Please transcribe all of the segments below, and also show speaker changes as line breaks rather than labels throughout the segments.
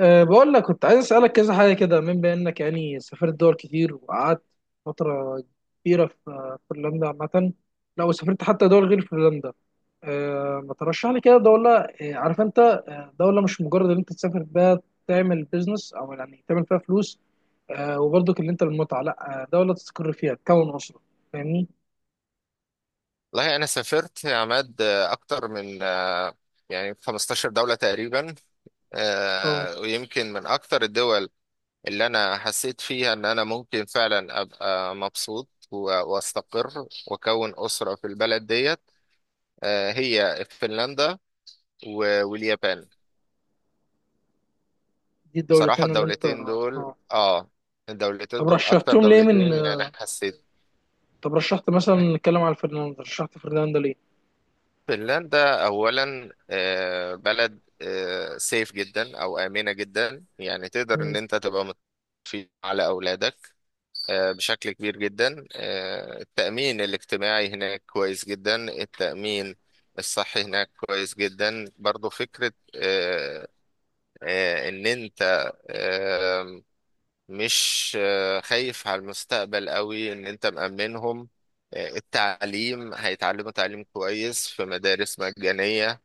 بقول لك كنت عايز أسألك كذا حاجة كده من بأنك يعني سافرت دول كتير وقعدت فترة كبيرة في فنلندا عامة. لو سافرت حتى دول غير فنلندا، ما ترشح لي كده دولة، أه عارف أنت، دولة مش مجرد إن أنت تسافر بها تعمل بيزنس أو يعني تعمل فيها فلوس، وبرضك اللي أنت المتعة لأ، دولة تستقر فيها تكون أسرة. فاهمني؟
والله أنا سافرت يا عماد، أكتر من يعني 15 دولة تقريبا.
أه.
ويمكن من أكتر الدول اللي أنا حسيت فيها إن أنا ممكن فعلا أبقى مبسوط وأستقر وأكون أسرة في البلد ديت هي فنلندا واليابان.
دي
بصراحة
الدولتين اللي أنت
الدولتين دول آه الدولتين
طب
دول أكتر
رشحتهم ليه،
دولتين
من
يعني
آه،
حسيت.
طب رشحت مثلا، نتكلم على فنلندا، رشحت فنلندا
فنلندا أولا بلد سيف جدا أو آمنة جدا، يعني تقدر
ليه؟
إن أنت تبقى مطمئن على أولادك بشكل كبير جدا. التأمين الاجتماعي هناك كويس جدا، التأمين الصحي هناك كويس جدا برضو. فكرة إن أنت آه، مش خايف على المستقبل قوي إن أنت مأمنهم. التعليم هيتعلموا تعليم كويس في مدارس مجانية.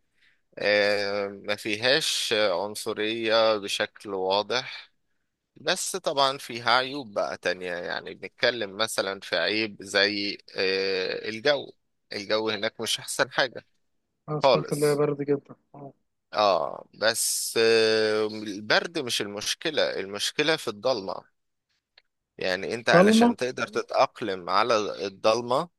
ما فيهاش عنصرية بشكل واضح. بس طبعا فيها عيوب بقى تانية، يعني بنتكلم مثلا في عيب زي الجو. الجو هناك مش أحسن حاجة
انا سمعت اللي هي
خالص.
برد جدا.
اه بس البرد مش المشكلة، المشكلة في الضلمة. يعني انت
ضلمه.
علشان تقدر تتأقلم على الضلمة،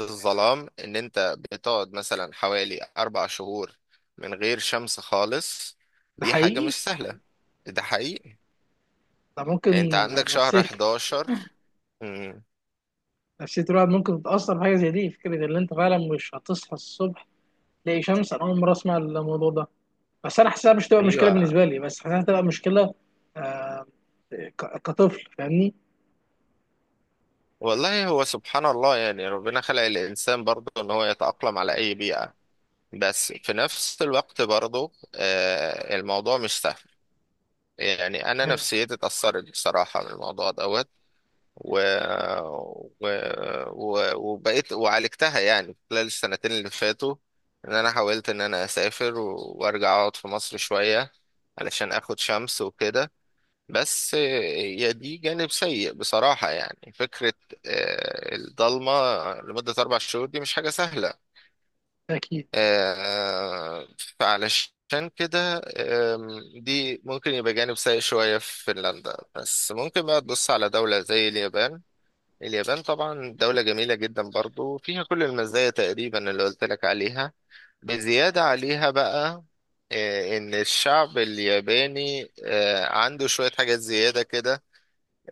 الظلام، ان انت بتقعد مثلا حوالي اربع شهور من غير شمس خالص،
ده
دي حاجة
حقيقي.
مش سهلة. ده حقيقي.
ده
يعني انت
ممكن
عندك شهر
نفسيه.
11. مم.
نفسيه الواحد ممكن تتاثر بحاجه زي دي. فكره ان انت فعلا مش هتصحى الصبح تلاقي شمس. انا اول مره اسمع الموضوع ده، بس انا حاسسها مش تبقى مشكله
ايوه.
بالنسبه لي، بس حاسسها تبقى مشكله، آه، كطفل، فاهمني؟
والله هو سبحان الله، يعني ربنا خلق الانسان برضه ان هو يتأقلم على اي بيئة، بس في نفس الوقت برضه الموضوع مش سهل. يعني انا
آه.
نفسيتي اتأثرت بصراحة من الموضوع دوت و... و... وبقيت وعالجتها يعني خلال السنتين اللي فاتوا، ان انا حاولت ان انا اسافر وارجع اقعد في مصر شوية علشان اخد شمس وكده. بس يا دي جانب سيء بصراحة، يعني فكرة الضلمة لمدة أربع شهور دي مش حاجة سهلة.
ده اكيد.
آه، فعلشان كده دي ممكن يبقى جانب سيء شوية في فنلندا، بس ممكن بقى تبص على دولة زي اليابان. اليابان طبعا دولة جميلة جدا، برضو فيها كل المزايا تقريبا اللي قلت لك عليها بزيادة عليها بقى. إن الشعب الياباني عنده شوية حاجات زيادة كده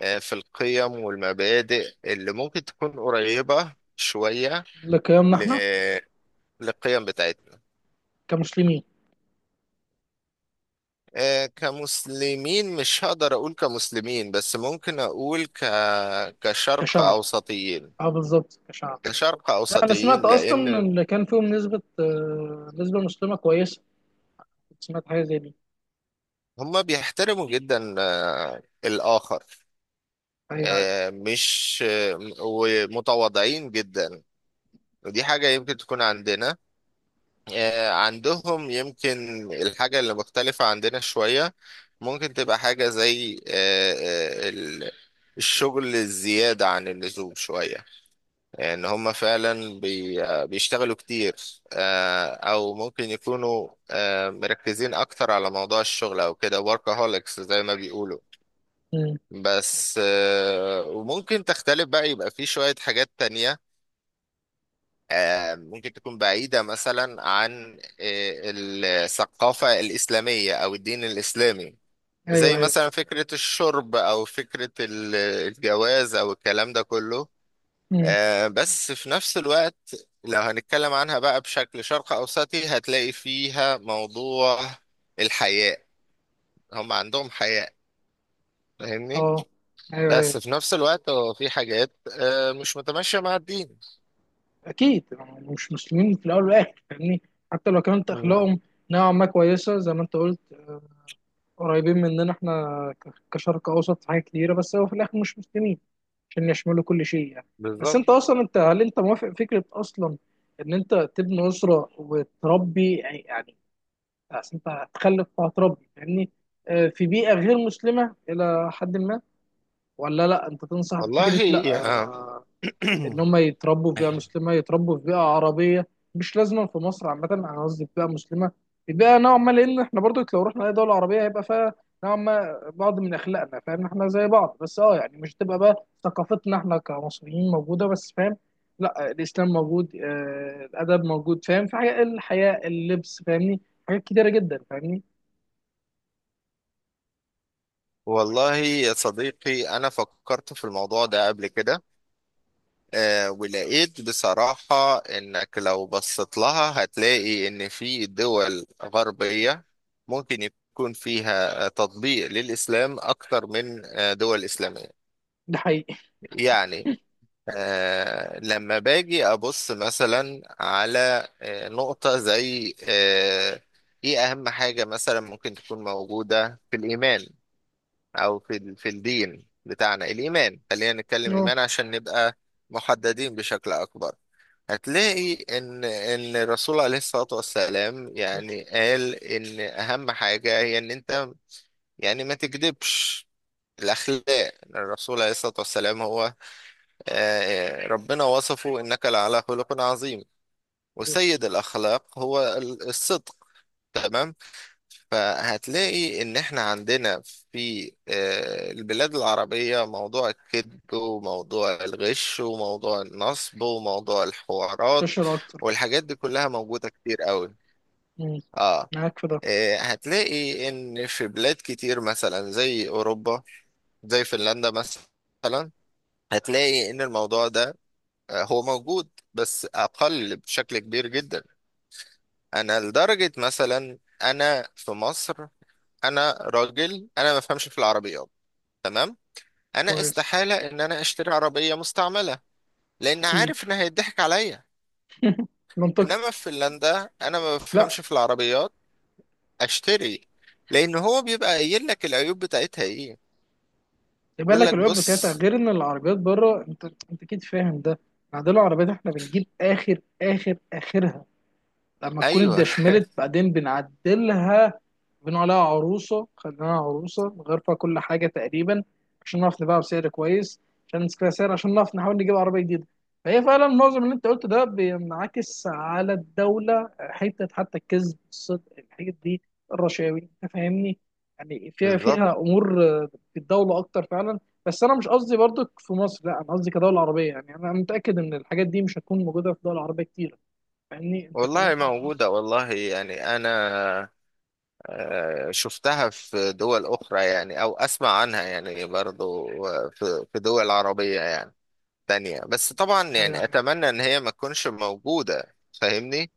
في القيم والمبادئ اللي ممكن تكون قريبة شوية
لقيامنا احنا
ل- للقيم بتاعتنا.
كمسلمين.
كمسلمين، مش هقدر أقول كمسلمين، بس ممكن أقول كشرق
كشعب.
أوسطيين
اه بالظبط، كشعب.
كشرق
لا انا سمعت
أوسطيين
اصلا ان
لأن
اللي كان فيهم نسبه، نسبه مسلمه كويسه، كنت سمعت حاجه زي دي.
هما بيحترموا جدا الآخر،
ايوه ايوه.
مش ومتواضعين جدا. ودي حاجة يمكن تكون عندنا. عندهم يمكن الحاجة اللي مختلفة عندنا شوية، ممكن تبقى حاجة زي الشغل الزيادة عن اللزوم شوية. إن هم فعلا بيشتغلوا كتير. أو ممكن يكونوا مركزين أكتر على موضوع الشغل أو كده workaholics زي ما بيقولوا.
مم.
بس وممكن تختلف بقى، يبقى في شوية حاجات تانية ممكن تكون بعيدة مثلا عن الثقافة الإسلامية أو الدين الإسلامي،
ايوه
زي
ايوه.
مثلا فكرة الشرب أو فكرة الجواز أو الكلام ده كله.
مم.
بس في نفس الوقت لو هنتكلم عنها بقى بشكل شرق أوسطي هتلاقي فيها موضوع الحياء. هم عندهم حياء، فاهمني؟
اه. ايوه
بس
ايوه.
في نفس الوقت هو في حاجات مش متماشية مع الدين.
اكيد هم مش مسلمين في الاول والاخر، فاهمني؟ حتى لو كانت
مم.
اخلاقهم نوعا ما كويسه، زي ما انت قلت، آه، قريبين مننا احنا، كشرق اوسط، في حاجات كتيره، بس هو في الاخر مش مسلمين عشان يشملوا كل شيء يعني. بس
بالظبط.
انت اصلا، انت هل انت موافق فكره اصلا ان انت تبني اسره وتربي، يعني يعني أصل انت هتخلف وهتربي، فاهمني؟ آه، في بيئه غير مسلمه الى حد ما؟ ولا لا، انت تنصح
والله
بفكره لا،
يا
آه، ان هم يتربوا في بيئه مسلمه، يتربوا في بيئه عربيه، مش لازما في مصر عامه، انا قصدي في بيئه مسلمه، في بيئه نوعا ما، لان احنا برضو لو رحنا اي دوله عربيه هيبقى فيها نوعا ما بعض من اخلاقنا. فاهم؟ احنا زي بعض، بس اه يعني مش تبقى بقى ثقافتنا احنا كمصريين موجوده بس. فاهم؟ لا، الاسلام موجود، آه، الادب موجود. فاهم؟ في حاجه الحياه، اللبس، فاهمني؟ حاجات كتيره جدا، فاهمني؟
والله يا صديقي، أنا فكرت في الموضوع ده قبل كده. ولقيت بصراحة إنك لو بصيت لها هتلاقي إن في دول غربية ممكن يكون فيها تطبيق للإسلام أكتر من دول إسلامية.
ده حقيقي.
يعني لما باجي ابص مثلا على نقطة زي ايه اهم حاجة مثلا ممكن تكون موجودة في الايمان او في في الدين بتاعنا، الايمان خلينا نتكلم
اه.
ايمان عشان نبقى محددين بشكل اكبر. هتلاقي ان الرسول عليه الصلاة والسلام يعني قال ان اهم حاجة هي ان انت يعني ما تكذبش. الاخلاق، الرسول عليه الصلاة والسلام هو ربنا وصفه إنك لعلى خلق عظيم، وسيد الأخلاق هو الصدق، تمام؟ فهتلاقي إن إحنا عندنا في البلاد العربية موضوع الكذب وموضوع الغش وموضوع النصب وموضوع الحوارات،
منتشر اكتر.
والحاجات دي كلها موجودة كتير قوي.
مم.
آه
معاك في ده.
هتلاقي إن في بلاد كتير مثلا زي أوروبا، زي فنلندا مثلا، هتلاقي إن الموضوع ده هو موجود بس اقل بشكل كبير جدا. انا لدرجة مثلا، انا في مصر، انا راجل انا ما بفهمش في العربيات، تمام؟ انا
كويس.
استحالة ان انا اشتري عربية مستعملة، لان
اكيد.
عارف ان هيضحك عليا.
منطقي.
انما في فنلندا، انا ما بفهمش في العربيات، اشتري، لان هو بيبقى قايل لك العيوب بتاعتها ايه،
يبقى
بيقول
لك
لك
الويب بتاعتها،
بص.
غير ان العربيات بره، انت انت اكيد فاهم ده. بعدين العربيات احنا بنجيب اخر اخرها لما تكون
ايوه.
اتدشملت، بعدين بنعدلها، بنقول عليها عروسه، خليناها عروسه، نغير فيها كل حاجه تقريبا عشان نعرف نبيعها بسعر كويس، عشان نسكرها سعر، عشان نعرف نحاول نجيب عربيه جديده. فهي فعلا معظم اللي انت قلته ده بينعكس على الدوله، حتى الكذب، الصدق، الحاجات دي، الرشاوي، انت فاهمني؟ يعني فيها
بالظبط.
فيها امور في الدوله اكتر فعلا. بس انا مش قصدي برضك في مصر، لا انا قصدي كدوله عربيه، يعني انا متاكد ان الحاجات دي مش هتكون موجوده في دول عربيه كتير، فاهمني؟ انت
والله
اتكلمت عن مصر.
موجودة، والله يعني انا شفتها في دول أخرى يعني أو أسمع عنها يعني برضو في دول عربية يعني تانية، بس طبعا
ايوه
يعني
ايوه.
أتمنى إن هي ما تكونش موجودة، فاهمني؟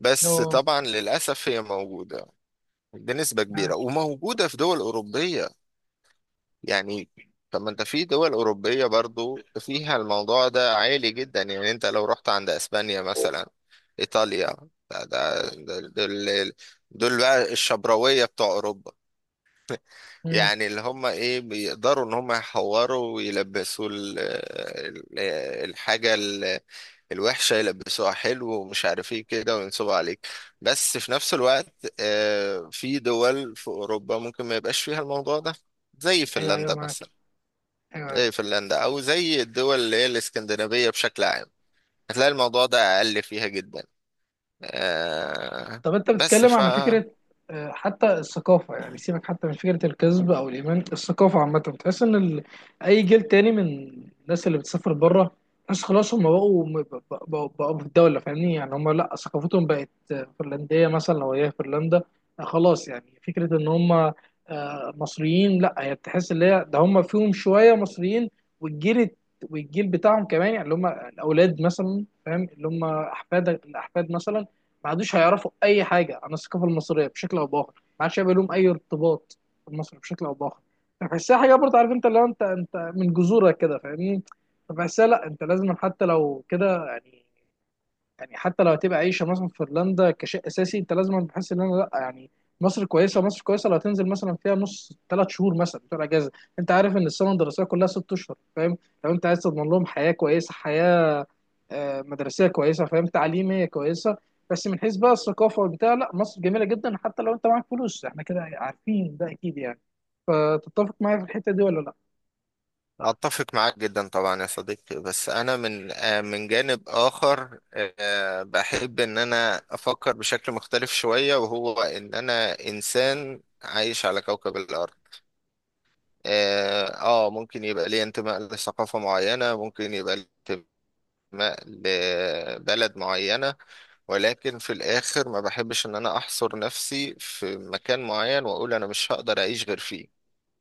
بس
أه،
طبعا للأسف هي موجودة بنسبة كبيرة،
معاك.
وموجودة في دول أوروبية يعني. طب ما أنت في دول أوروبية برضو فيها الموضوع ده عالي جدا، يعني أنت لو رحت عند أسبانيا مثلا، إيطاليا، ده ده- ده- دول دول بقى الشبراوية بتوع أوروبا.
امم.
يعني اللي هم ايه بيقدروا ان هم يحوروا ويلبسوا الحاجة الوحشة يلبسوها حلو ومش عارف ايه كده وينصبوا عليك. بس في نفس الوقت في دول في اوروبا ممكن ما يبقاش فيها الموضوع ده، زي
ايوه ايوه،
فنلندا
معاك.
مثلا،
ايوه أيوة.
زي فنلندا او زي الدول اللي هي الاسكندنافية بشكل عام، هتلاقي الموضوع ده اقل فيها جدا. آه،
طب انت
بس
بتتكلم
ف
عن فكره، آه، حتى الثقافه، يعني سيبك حتى من فكره الكذب او الايمان، الثقافه عامه بتحس ان ال... اي جيل تاني من الناس اللي بتسافر بره، ناس خلاص هم بقوا بقوا في الدوله، فاهمني؟ يعني هم لا ثقافتهم بقت، آه، فنلنديه مثلا لو هي فنلندا، آه، خلاص، يعني فكره ان هم، آه، مصريين لا، هي بتحس ان هي ده هم فيهم شويه مصريين. والجيل والجيل بتاعهم كمان، يعني اللي هم الاولاد مثلا، فاهم؟ اللي هم احفادك، الاحفاد مثلا، ما عادوش هيعرفوا اي حاجه عن الثقافه المصريه بشكل او باخر، ما عادش هيبقى لهم اي ارتباط بمصر بشكل او باخر. فبحسها حاجه برضه، عارف انت؟ اللي هو انت، انت من جذورك كده، فاهمني؟ فبحسها لا، انت لازم حتى لو كده، يعني حتى لو هتبقى عايشه مثلا في فنلندا كشيء اساسي، انت لازم بحس ان انا لا، يعني مصر كويسه، مصر كويسه، لو هتنزل مثلا فيها نص 3 شهور مثلا بتوع اجازه. انت عارف ان السنه الدراسيه كلها 6 اشهر، فاهم؟ لو انت عايز تضمن لهم حياه كويسه، حياه، آه، مدرسيه كويسه، فاهم؟ تعليميه كويسه. بس من حيث بقى الثقافه والبتاع لا، مصر جميله جدا حتى لو انت معاك فلوس، احنا كده عارفين ده اكيد يعني. فتتفق معايا في الحته دي ولا لا؟
أتفق معاك جدا طبعا يا صديقي. بس أنا من من جانب آخر بحب إن أنا أفكر بشكل مختلف شوية، وهو إن أنا إنسان عايش على كوكب الأرض. آه ممكن يبقى لي انتماء لثقافة معينة، ممكن يبقى لي انتماء لبلد معينة، ولكن في الآخر ما بحبش إن أنا أحصر نفسي في مكان معين وأقول أنا مش هقدر أعيش غير فيه،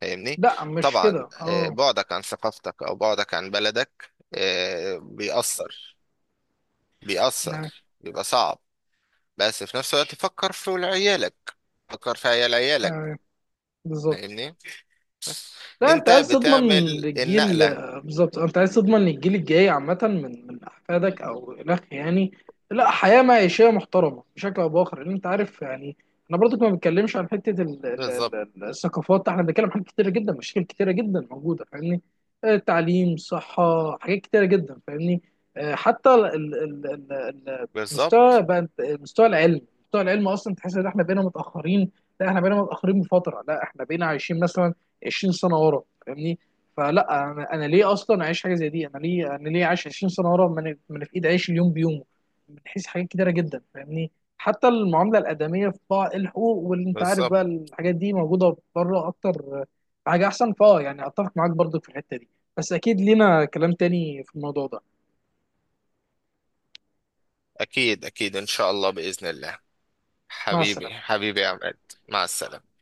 فاهمني؟
لا مش كده،
طبعا
اه.
بعدك عن ثقافتك او بعدك عن بلدك آه، بيأثر بيأثر،
نعم.
بيبقى صعب. بس في نفس الوقت فكر في ولاد عيالك، فكر في عيال عيالك،
آه، بالظبط.
فاهمني؟
لا انت
انت
عايز تضمن
بتعمل
للجيل،
النقلة.
بالظبط، انت عايز تضمن للجيل الجاي عامة من من احفادك او الاخ يعني، لا حياة معيشية محترمة بشكل او باخر، لان انت عارف يعني. انا برضك ما بتكلمش عن حتة
بالظبط،
الثقافات. احنا بنتكلم عن حاجات كتيرة جدا، مشاكل كتيرة جدا موجودة، فاهمني؟ آه، تعليم، صحة، حاجات كتيرة جدا، فاهمني؟ آه، حتى المستوى
بالظبط،
بقى، مستوى العلم، مستوى العلم اصلا تحس ان احنا بقينا متأخرين. لا احنا بقينا متأخرين بفترة، لا احنا بقينا عايشين مثلا 20 سنه ورا، فاهمني؟ فلا انا ليه اصلا اعيش حاجه زي دي، انا ليه عايش 20 سنه ورا، ما انا، ما أنا في ايدي اعيش اليوم بيومه، من حيث حاجات كتيره جدا، فاهمني؟ حتى المعامله الادميه في بعض الحقوق، واللي انت عارف
بالظبط.
بقى الحاجات دي موجوده بره اكتر، حاجه احسن. فاه يعني اتفق معاك برضك في الحته دي، بس اكيد لينا كلام تاني في الموضوع ده.
اكيد، اكيد، ان شاء الله، بإذن الله.
مع
حبيبي،
السلامه.
حبيبي يا عماد. مع السلامة.